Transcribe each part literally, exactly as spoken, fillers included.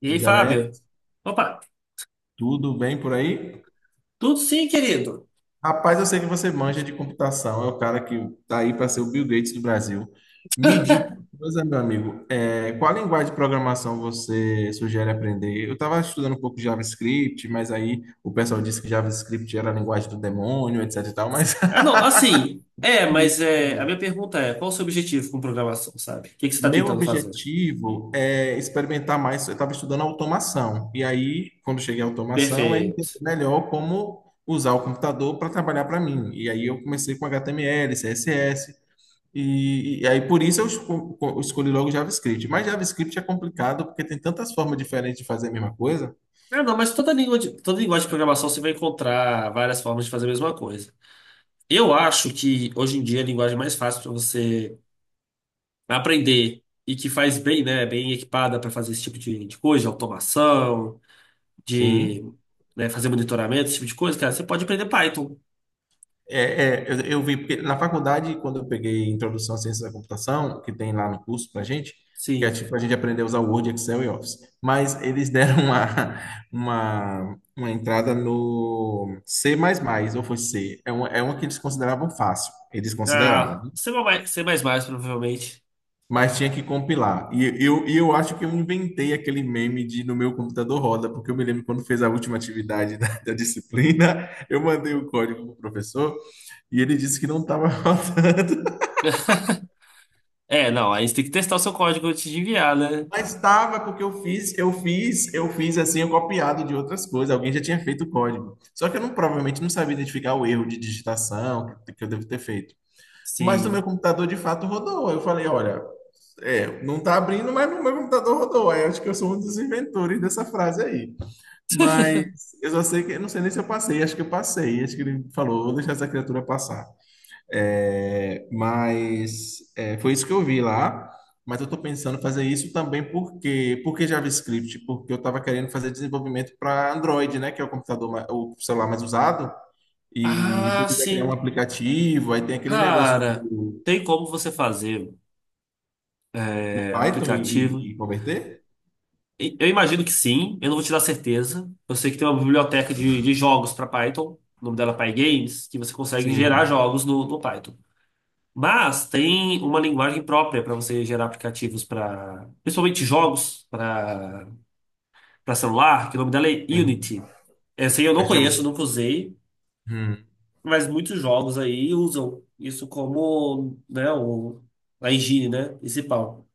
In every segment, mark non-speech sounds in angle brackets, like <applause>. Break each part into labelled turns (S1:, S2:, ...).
S1: E aí,
S2: Diga, Lé,
S1: Fábio? Opa,
S2: tudo bem por aí?
S1: tudo sim, querido.
S2: Rapaz, eu sei que você manja de computação, é o cara que tá aí para ser o Bill Gates do Brasil. Me diga uma coisa, meu amigo, é, qual linguagem de programação você sugere aprender? Eu estava estudando um pouco de JavaScript, mas aí o pessoal disse que JavaScript era a linguagem do demônio, etc e tal, mas
S1: Ah,
S2: <laughs>
S1: não, assim, é,
S2: me
S1: mas
S2: diga
S1: é,
S2: aí.
S1: a minha pergunta é, qual o seu objetivo com programação, sabe? O que que você está
S2: Meu
S1: tentando fazer?
S2: objetivo é experimentar mais. Eu estava estudando automação, e aí, quando cheguei à automação, é entender
S1: Perfeito.
S2: melhor como usar o computador para trabalhar para mim. E aí, eu comecei com H T M L, C S S, e, e aí, por isso, eu esco- eu escolhi logo JavaScript. Mas JavaScript é complicado porque tem tantas formas diferentes de fazer a mesma coisa.
S1: Ah, não, mas toda língua de, toda linguagem de programação você vai encontrar várias formas de fazer a mesma coisa. Eu acho que hoje em dia a linguagem mais fácil para você aprender e que faz bem, né, bem equipada para fazer esse tipo de, de coisa, de automação, de,
S2: Sim.
S1: né, fazer monitoramento, esse tipo de coisa, cara, você pode aprender Python.
S2: É, é, eu, eu vi, porque na faculdade, quando eu peguei Introdução à Ciência da Computação, que tem lá no curso pra gente, que é
S1: Sim.
S2: tipo, a gente aprendeu a usar Word, Excel e Office, mas eles <laughs> deram uma, uma, uma entrada no C++, ou foi C, é uma, é uma que eles consideravam fácil, eles consideraram,
S1: Ah,
S2: né?
S1: C++, C++, provavelmente.
S2: Mas tinha que compilar. E eu, e eu acho que eu inventei aquele meme de no meu computador roda, porque eu me lembro quando fez a última atividade <laughs> da da disciplina, eu mandei o código pro professor, e ele disse que não estava <laughs> rodando.
S1: É, não, aí você tem que testar o seu código antes de enviar, né?
S2: Mas estava porque eu fiz, eu fiz, eu fiz assim, eu copiado de outras coisas. Alguém já tinha feito o código. Só que eu não, provavelmente não sabia identificar o erro de digitação que, que eu devo ter feito. Mas no meu
S1: Sim.
S2: computador de fato rodou. Eu falei, olha, é, não tá abrindo, mas no meu computador rodou. Aí eu acho que eu sou um dos inventores dessa frase aí. Mas eu só sei que eu não sei nem se eu passei, acho que eu passei. Acho que ele falou, vou deixar essa criatura passar. É, mas é, foi isso que eu vi lá. Mas eu estou pensando em fazer isso também porque, porque JavaScript, porque eu estava querendo fazer desenvolvimento para Android, né, que é o computador, ma- o celular mais usado. E se
S1: Ah,
S2: eu quiser criar um
S1: sim.
S2: aplicativo, aí tem aquele negócio
S1: Cara,
S2: do,
S1: tem como você fazer
S2: no
S1: é,
S2: Python e,
S1: aplicativo?
S2: e- e converter?
S1: E- Eu imagino que sim, eu não vou te dar certeza. Eu sei que tem uma biblioteca de, de jogos para Python, o nome dela é PyGames, que você consegue gerar
S2: Sim,
S1: jogos no, no Python. Mas tem uma linguagem própria para você gerar aplicativos para, principalmente jogos, para para celular, que o nome dela é
S2: sim.
S1: Unity. Essa aí eu
S2: É
S1: não
S2: cham-
S1: conheço, nunca usei,
S2: hum,
S1: mas muitos jogos aí usam isso como, né, o, a higiene, né, principal.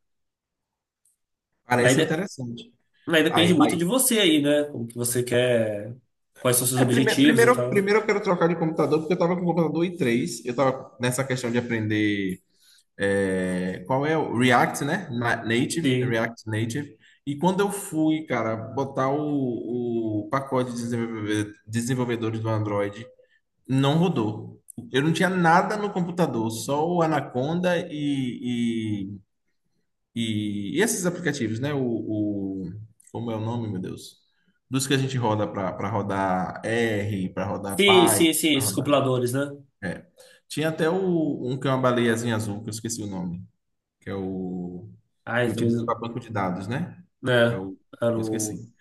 S1: Aí,
S2: parece
S1: de-
S2: interessante.
S1: aí depende
S2: Aí,
S1: muito
S2: aí,
S1: de você aí, né, como que você quer, quais são seus
S2: é, primeiro,
S1: objetivos e
S2: primeiro,
S1: tal.
S2: primeiro eu quero trocar de computador, porque eu estava com o computador i três. Eu estava nessa questão de aprender. É, qual é o React, né? Na- Native,
S1: Sim,
S2: React Native. E quando eu fui, cara, botar o, o pacote de desenvolve- desenvolvedores do Android, não rodou. Eu não tinha nada no computador, só o Anaconda e, e, e e esses aplicativos, né? O, o- como é o nome, meu Deus? Dos que a gente roda para rodar R, para rodar
S1: sim,
S2: Python,
S1: sim, sim,
S2: para
S1: esses
S2: rodar.
S1: compiladores, né?
S2: É. Tinha até o, um que é uma baleiazinha azul, que eu esqueci o nome, que é o que
S1: Ai, talvez,
S2: utiliza para banco de dados, né? É
S1: né,
S2: o,
S1: era
S2: eu
S1: o...
S2: esqueci,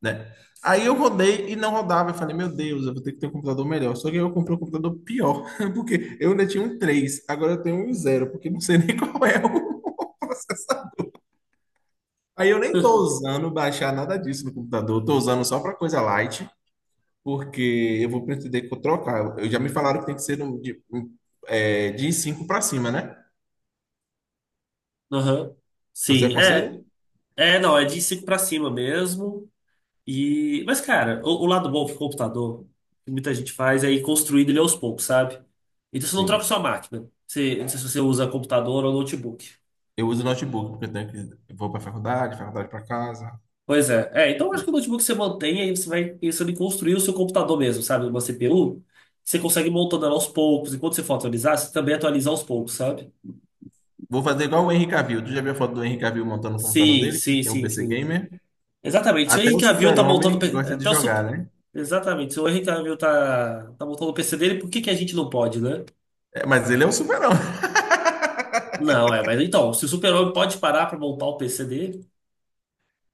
S2: né? Aí eu rodei e não rodava. Eu falei, meu Deus, eu vou ter que ter um computador melhor. Só que aí eu comprei um computador pior, <laughs> porque eu ainda tinha um três. Agora eu tenho um zero, porque não sei nem <laughs> qual é o. Aí eu nem tô
S1: <laughs>
S2: usando baixar nada disso no computador, eu tô usando só para coisa light, porque eu vou pretender co- trocar. Eu já me falaram que tem que ser no- de, um, é, de cinco para cima, né?
S1: Aham.
S2: Você
S1: Sim, é.
S2: aconselha?
S1: É, não, é de cinco para cima mesmo. E, mas, cara, o, o lado bom do computador, que muita gente faz, é ir construindo ele aos poucos, sabe? Então você não troca
S2: Sim.
S1: sua máquina. Você, não sei se você usa computador ou notebook.
S2: Eu uso notebook, porque eu tenho que. Eu vou pra faculdade, faculdade pra casa.
S1: Pois é. É, então eu acho que o notebook você mantém, aí você vai pensando em construir o seu computador mesmo, sabe? Uma C P U. Você consegue ir montando ela aos poucos. Enquanto você for atualizar, você também atualiza aos poucos, sabe?
S2: Vou fazer igual o Henry Cavill. Tu já viu a foto do Henry Cavill montando o computador
S1: Sim,
S2: dele?
S1: sim,
S2: Que é um
S1: sim,
S2: P C
S1: sim.
S2: gamer.
S1: Exatamente. Se o
S2: Até o
S1: Henrique Cavill tá montando
S2: super-homem
S1: pe-
S2: gosta de
S1: até o super...
S2: jogar, né?
S1: Exatamente. Se o Henrique Cavill tá, tá montando o P C dele, por que que a gente não pode, né?
S2: É, mas ele é o super-homem. <laughs>
S1: Não, é, mas então, se o super-homem pode parar pra montar o P C dele,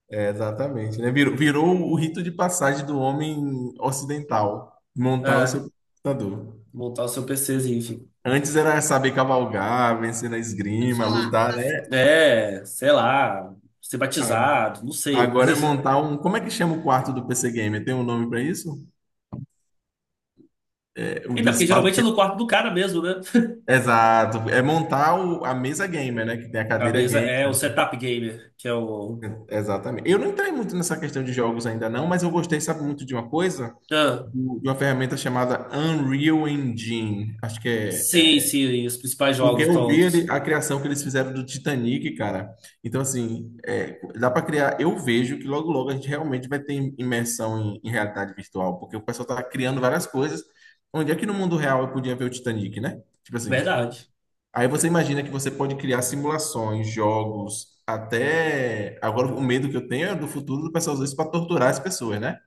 S2: É, exatamente, né? Virou, virou o rito de passagem do homem ocidental, montar o seu
S1: é,
S2: computador.
S1: montar o seu PCzinho, enfim.
S2: Antes era saber cavalgar, vencer na esgrima,
S1: Falar.
S2: lutar, né?
S1: É, sei lá, ser
S2: A-
S1: batizado, não sei. Mas...
S2: Agora é
S1: <laughs>
S2: montar um. Como é que chama o quarto do P C Gamer? Tem um nome pra isso? É, o do
S1: Então, porque
S2: espaço.
S1: geralmente é no quarto do cara mesmo, né?
S2: Exato, é montar o- a mesa gamer, né? Que tem a
S1: Na
S2: cadeira
S1: mesa
S2: gamer.
S1: é o setup gamer, que é o.
S2: Exatamente. Eu não entrei muito nessa questão de jogos ainda não, mas eu gostei, sabe, muito de uma coisa,
S1: Ah,
S2: Do- de uma ferramenta chamada Unreal Engine. Acho que é,
S1: sim,
S2: é.
S1: sim, os principais
S2: Porque
S1: jogos
S2: eu vi ele-
S1: tontos.
S2: a criação que eles fizeram do Titanic, cara. Então, assim, é, dá para criar. Eu vejo que logo, logo a gente realmente vai ter imersão em, em realidade virtual, porque o pessoal tá criando várias coisas. Onde é que no mundo real eu podia ver o Titanic, né? Tipo assim.
S1: Verdade.
S2: Aí você imagina que você pode criar simulações, jogos, até. Agora, o medo que eu tenho é do futuro do pessoal usar isso para torturar as pessoas, né?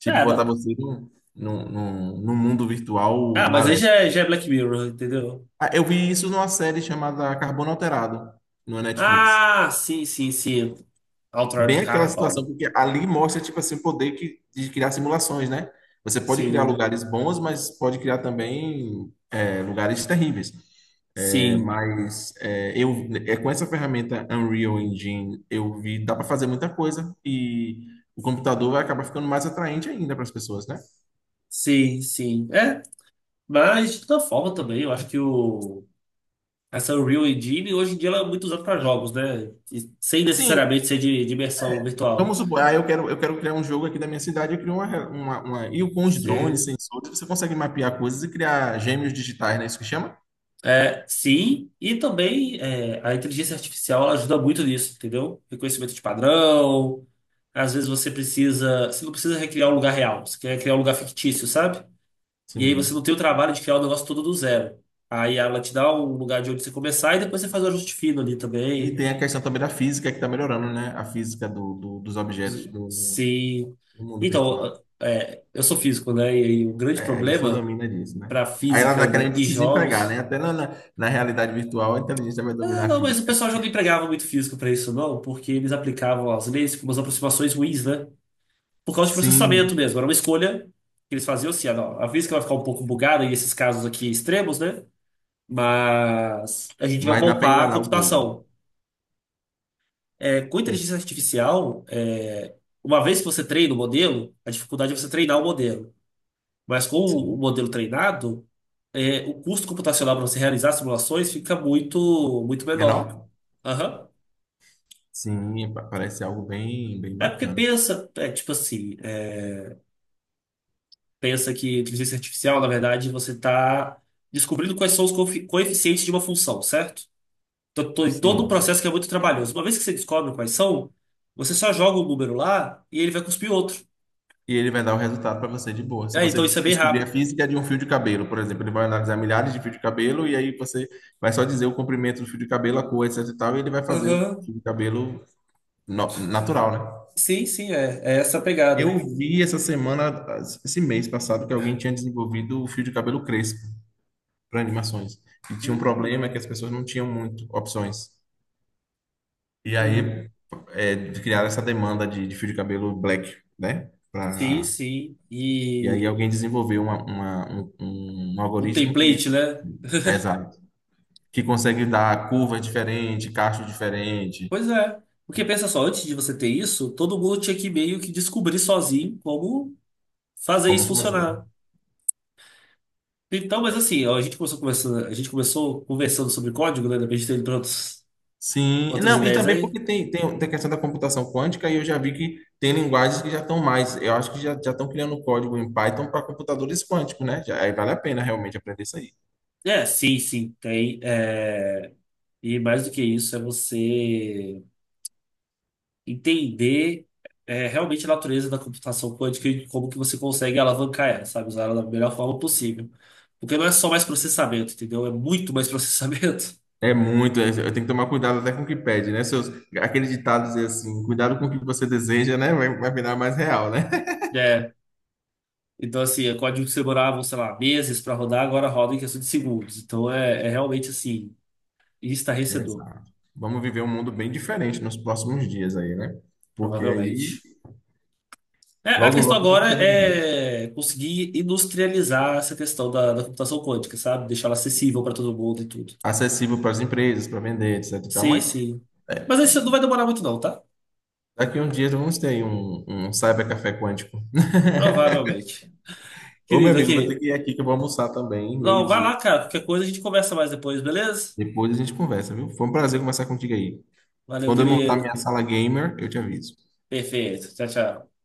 S2: Tipo,
S1: É,
S2: botar
S1: não.
S2: você num, num, num, num mundo virtual
S1: Ah, mas aí
S2: maléfico.
S1: já é, já é Black Mirror, entendeu?
S2: Ah, eu vi isso numa série chamada Carbono Alterado, no Netflix.
S1: Ah, sim, sim, sim.
S2: Bem
S1: Altered
S2: aquela situação,
S1: Carbon.
S2: porque ali mostra, tipo assim, o poder que, de criar simulações, né? Você pode criar
S1: Sim,
S2: lugares bons, mas pode criar também é, lugares terríveis.
S1: sim,
S2: Mas é, eu, é, com essa ferramenta Unreal Engine, eu vi, dá para fazer muita coisa e o computador vai acabar ficando mais atraente ainda para as pessoas, né?
S1: sim, sim. É. Mas, de toda forma, também, eu acho que o, essa Unreal Engine, hoje em dia, ela é muito usada para jogos, né? E sem
S2: Sim,
S1: necessariamente ser de, de imersão virtual.
S2: vamos supor, ah, eu quero, eu quero criar um jogo aqui da minha cidade, eu crio uma, uma, uma- E com os drones,
S1: Você,
S2: sensores, você consegue mapear coisas e criar gêmeos digitais, né? Isso que chama?
S1: é, sim, e também é, a inteligência artificial ela ajuda muito nisso, entendeu? Reconhecimento de padrão. Às vezes você precisa. Você não precisa recriar um lugar real, você quer criar um lugar fictício, sabe? E aí você não
S2: Sim.
S1: tem o trabalho de criar o negócio todo do zero. Aí ela te dá um lugar de onde você começar e depois você faz o ajuste fino ali
S2: E
S1: também.
S2: tem a questão também da física que está melhorando, né? A física do, do- dos objetos do,
S1: Se.
S2: do mundo virtual.
S1: Então, é, eu sou físico, né? E aí o grande
S2: É, isso
S1: problema
S2: domina disso, né?
S1: para
S2: Aí ela
S1: física
S2: está querendo
S1: e
S2: se desempregar, né?
S1: jogos.
S2: Até na, na, na realidade virtual, a inteligência vai
S1: Ah,
S2: dominar a
S1: não, mas o
S2: física.
S1: pessoal já não empregava muito físico para isso, não, porque eles aplicavam as leis com umas aproximações ruins, né? Por causa de processamento
S2: Sim,
S1: mesmo. Era uma escolha que eles faziam assim: ah, não, a física vai ficar um pouco bugada em esses casos aqui extremos, né? Mas a gente vai
S2: mas dá para
S1: poupar a
S2: enganar o povo.
S1: computação. É, com
S2: É,
S1: inteligência artificial, é, uma vez que você treina o modelo, a dificuldade é você treinar o modelo. Mas com o
S2: sim.
S1: modelo treinado, é, o custo computacional para você realizar simulações fica muito, muito menor.
S2: Menor?
S1: Aham.
S2: Sim, pa- parece algo bem, bem
S1: É porque
S2: bacana.
S1: pensa, é tipo assim, é, pensa que inteligência artificial, na verdade, você está descobrindo quais são os coefi- coeficientes de uma função, certo? Então, to- todo um
S2: Sim.
S1: processo que é muito trabalhoso. Uma vez que você descobre quais são, você só joga um número lá e ele vai cuspir outro.
S2: E ele vai dar o resultado para você de boa. Se
S1: Ah,
S2: você
S1: então isso é bem
S2: descobrir a
S1: rápido.
S2: física é de um fio de cabelo, por exemplo, ele vai analisar milhares de fio de cabelo e aí você vai só dizer o comprimento do fio de cabelo, a cor, etc e tal, e ele vai fazer o
S1: Aham.
S2: fio de cabelo no- natural, né?
S1: Sim, sim, é, é essa a
S2: Eu
S1: pegada.
S2: vi essa semana, esse mês passado, que alguém tinha desenvolvido o fio de cabelo crespo para animações. E tinha um
S1: Hum.
S2: problema que as pessoas não tinham muito opções. E
S1: Uhum.
S2: aí é, criaram essa demanda de, de fio de cabelo black, né?
S1: Sim,
S2: Para.
S1: sim.
S2: E aí
S1: E
S2: alguém desenvolveu uma, uma- um, um
S1: um
S2: algoritmo que,
S1: template, né?
S2: é, exato, que consegue dar curvas diferentes, cachos diferentes,
S1: Pois é. Porque pensa só, antes de você ter isso, todo mundo tinha que meio que descobrir sozinho como fazer
S2: como
S1: isso
S2: fazer.
S1: funcionar. Então, mas assim, ó, a gente começou conversando, a gente começou conversando sobre código, né? Depois de ter ido pra outros-
S2: Sim,
S1: outras
S2: não, e
S1: ideias
S2: também
S1: aí.
S2: porque tem, tem, tem a questão da computação quântica e eu já vi que tem linguagens que já estão mais, eu acho que já já estão criando código em Python para computadores quânticos, né? Já, aí vale a pena realmente aprender isso aí.
S1: É, sim, sim, tem. é, E mais do que isso, é você entender é, realmente a natureza da computação quântica e como que você consegue alavancar ela, sabe? Usar ela da melhor forma possível. Porque não é só mais processamento, entendeu? É muito mais processamento.
S2: É muito, é- eu tenho que tomar cuidado até com o que pede, né? Seus, aquele ditado dizer assim, cuidado com o que você deseja, né? Vai, vai virar mais real, né?
S1: É, então assim, é código que demorava, sei lá, meses para rodar, agora roda em questão de segundos. Então é, é realmente assim, estarrecedor,
S2: Exato. Vamos viver um mundo bem diferente nos próximos dias aí, né? Porque aí,
S1: provavelmente. É, a
S2: logo,
S1: questão
S2: logo, vai ter
S1: agora
S2: novidades.
S1: é conseguir industrializar essa questão da, da computação quântica, sabe? Deixar ela acessível para todo mundo e tudo.
S2: Acessível para as empresas, para vender, et cetera e tal.
S1: Sim,
S2: Mas
S1: sim. Mas isso não vai demorar muito não, tá?
S2: daqui uns dias vamos ter aí um, um cyber café quântico.
S1: Provavelmente.
S2: Ô, meu
S1: Querido,
S2: amigo, vou ter
S1: aqui.
S2: que ir aqui que eu vou almoçar também,
S1: Não, vai
S2: meio-dia.
S1: lá, cara. Qualquer coisa a gente conversa mais depois, beleza?
S2: Depois a gente conversa, viu? Foi um prazer conversar contigo aí.
S1: Valeu,
S2: Quando eu montar minha
S1: querido.
S2: sala gamer, eu te aviso.
S1: Perfeito. Tchau, tchau.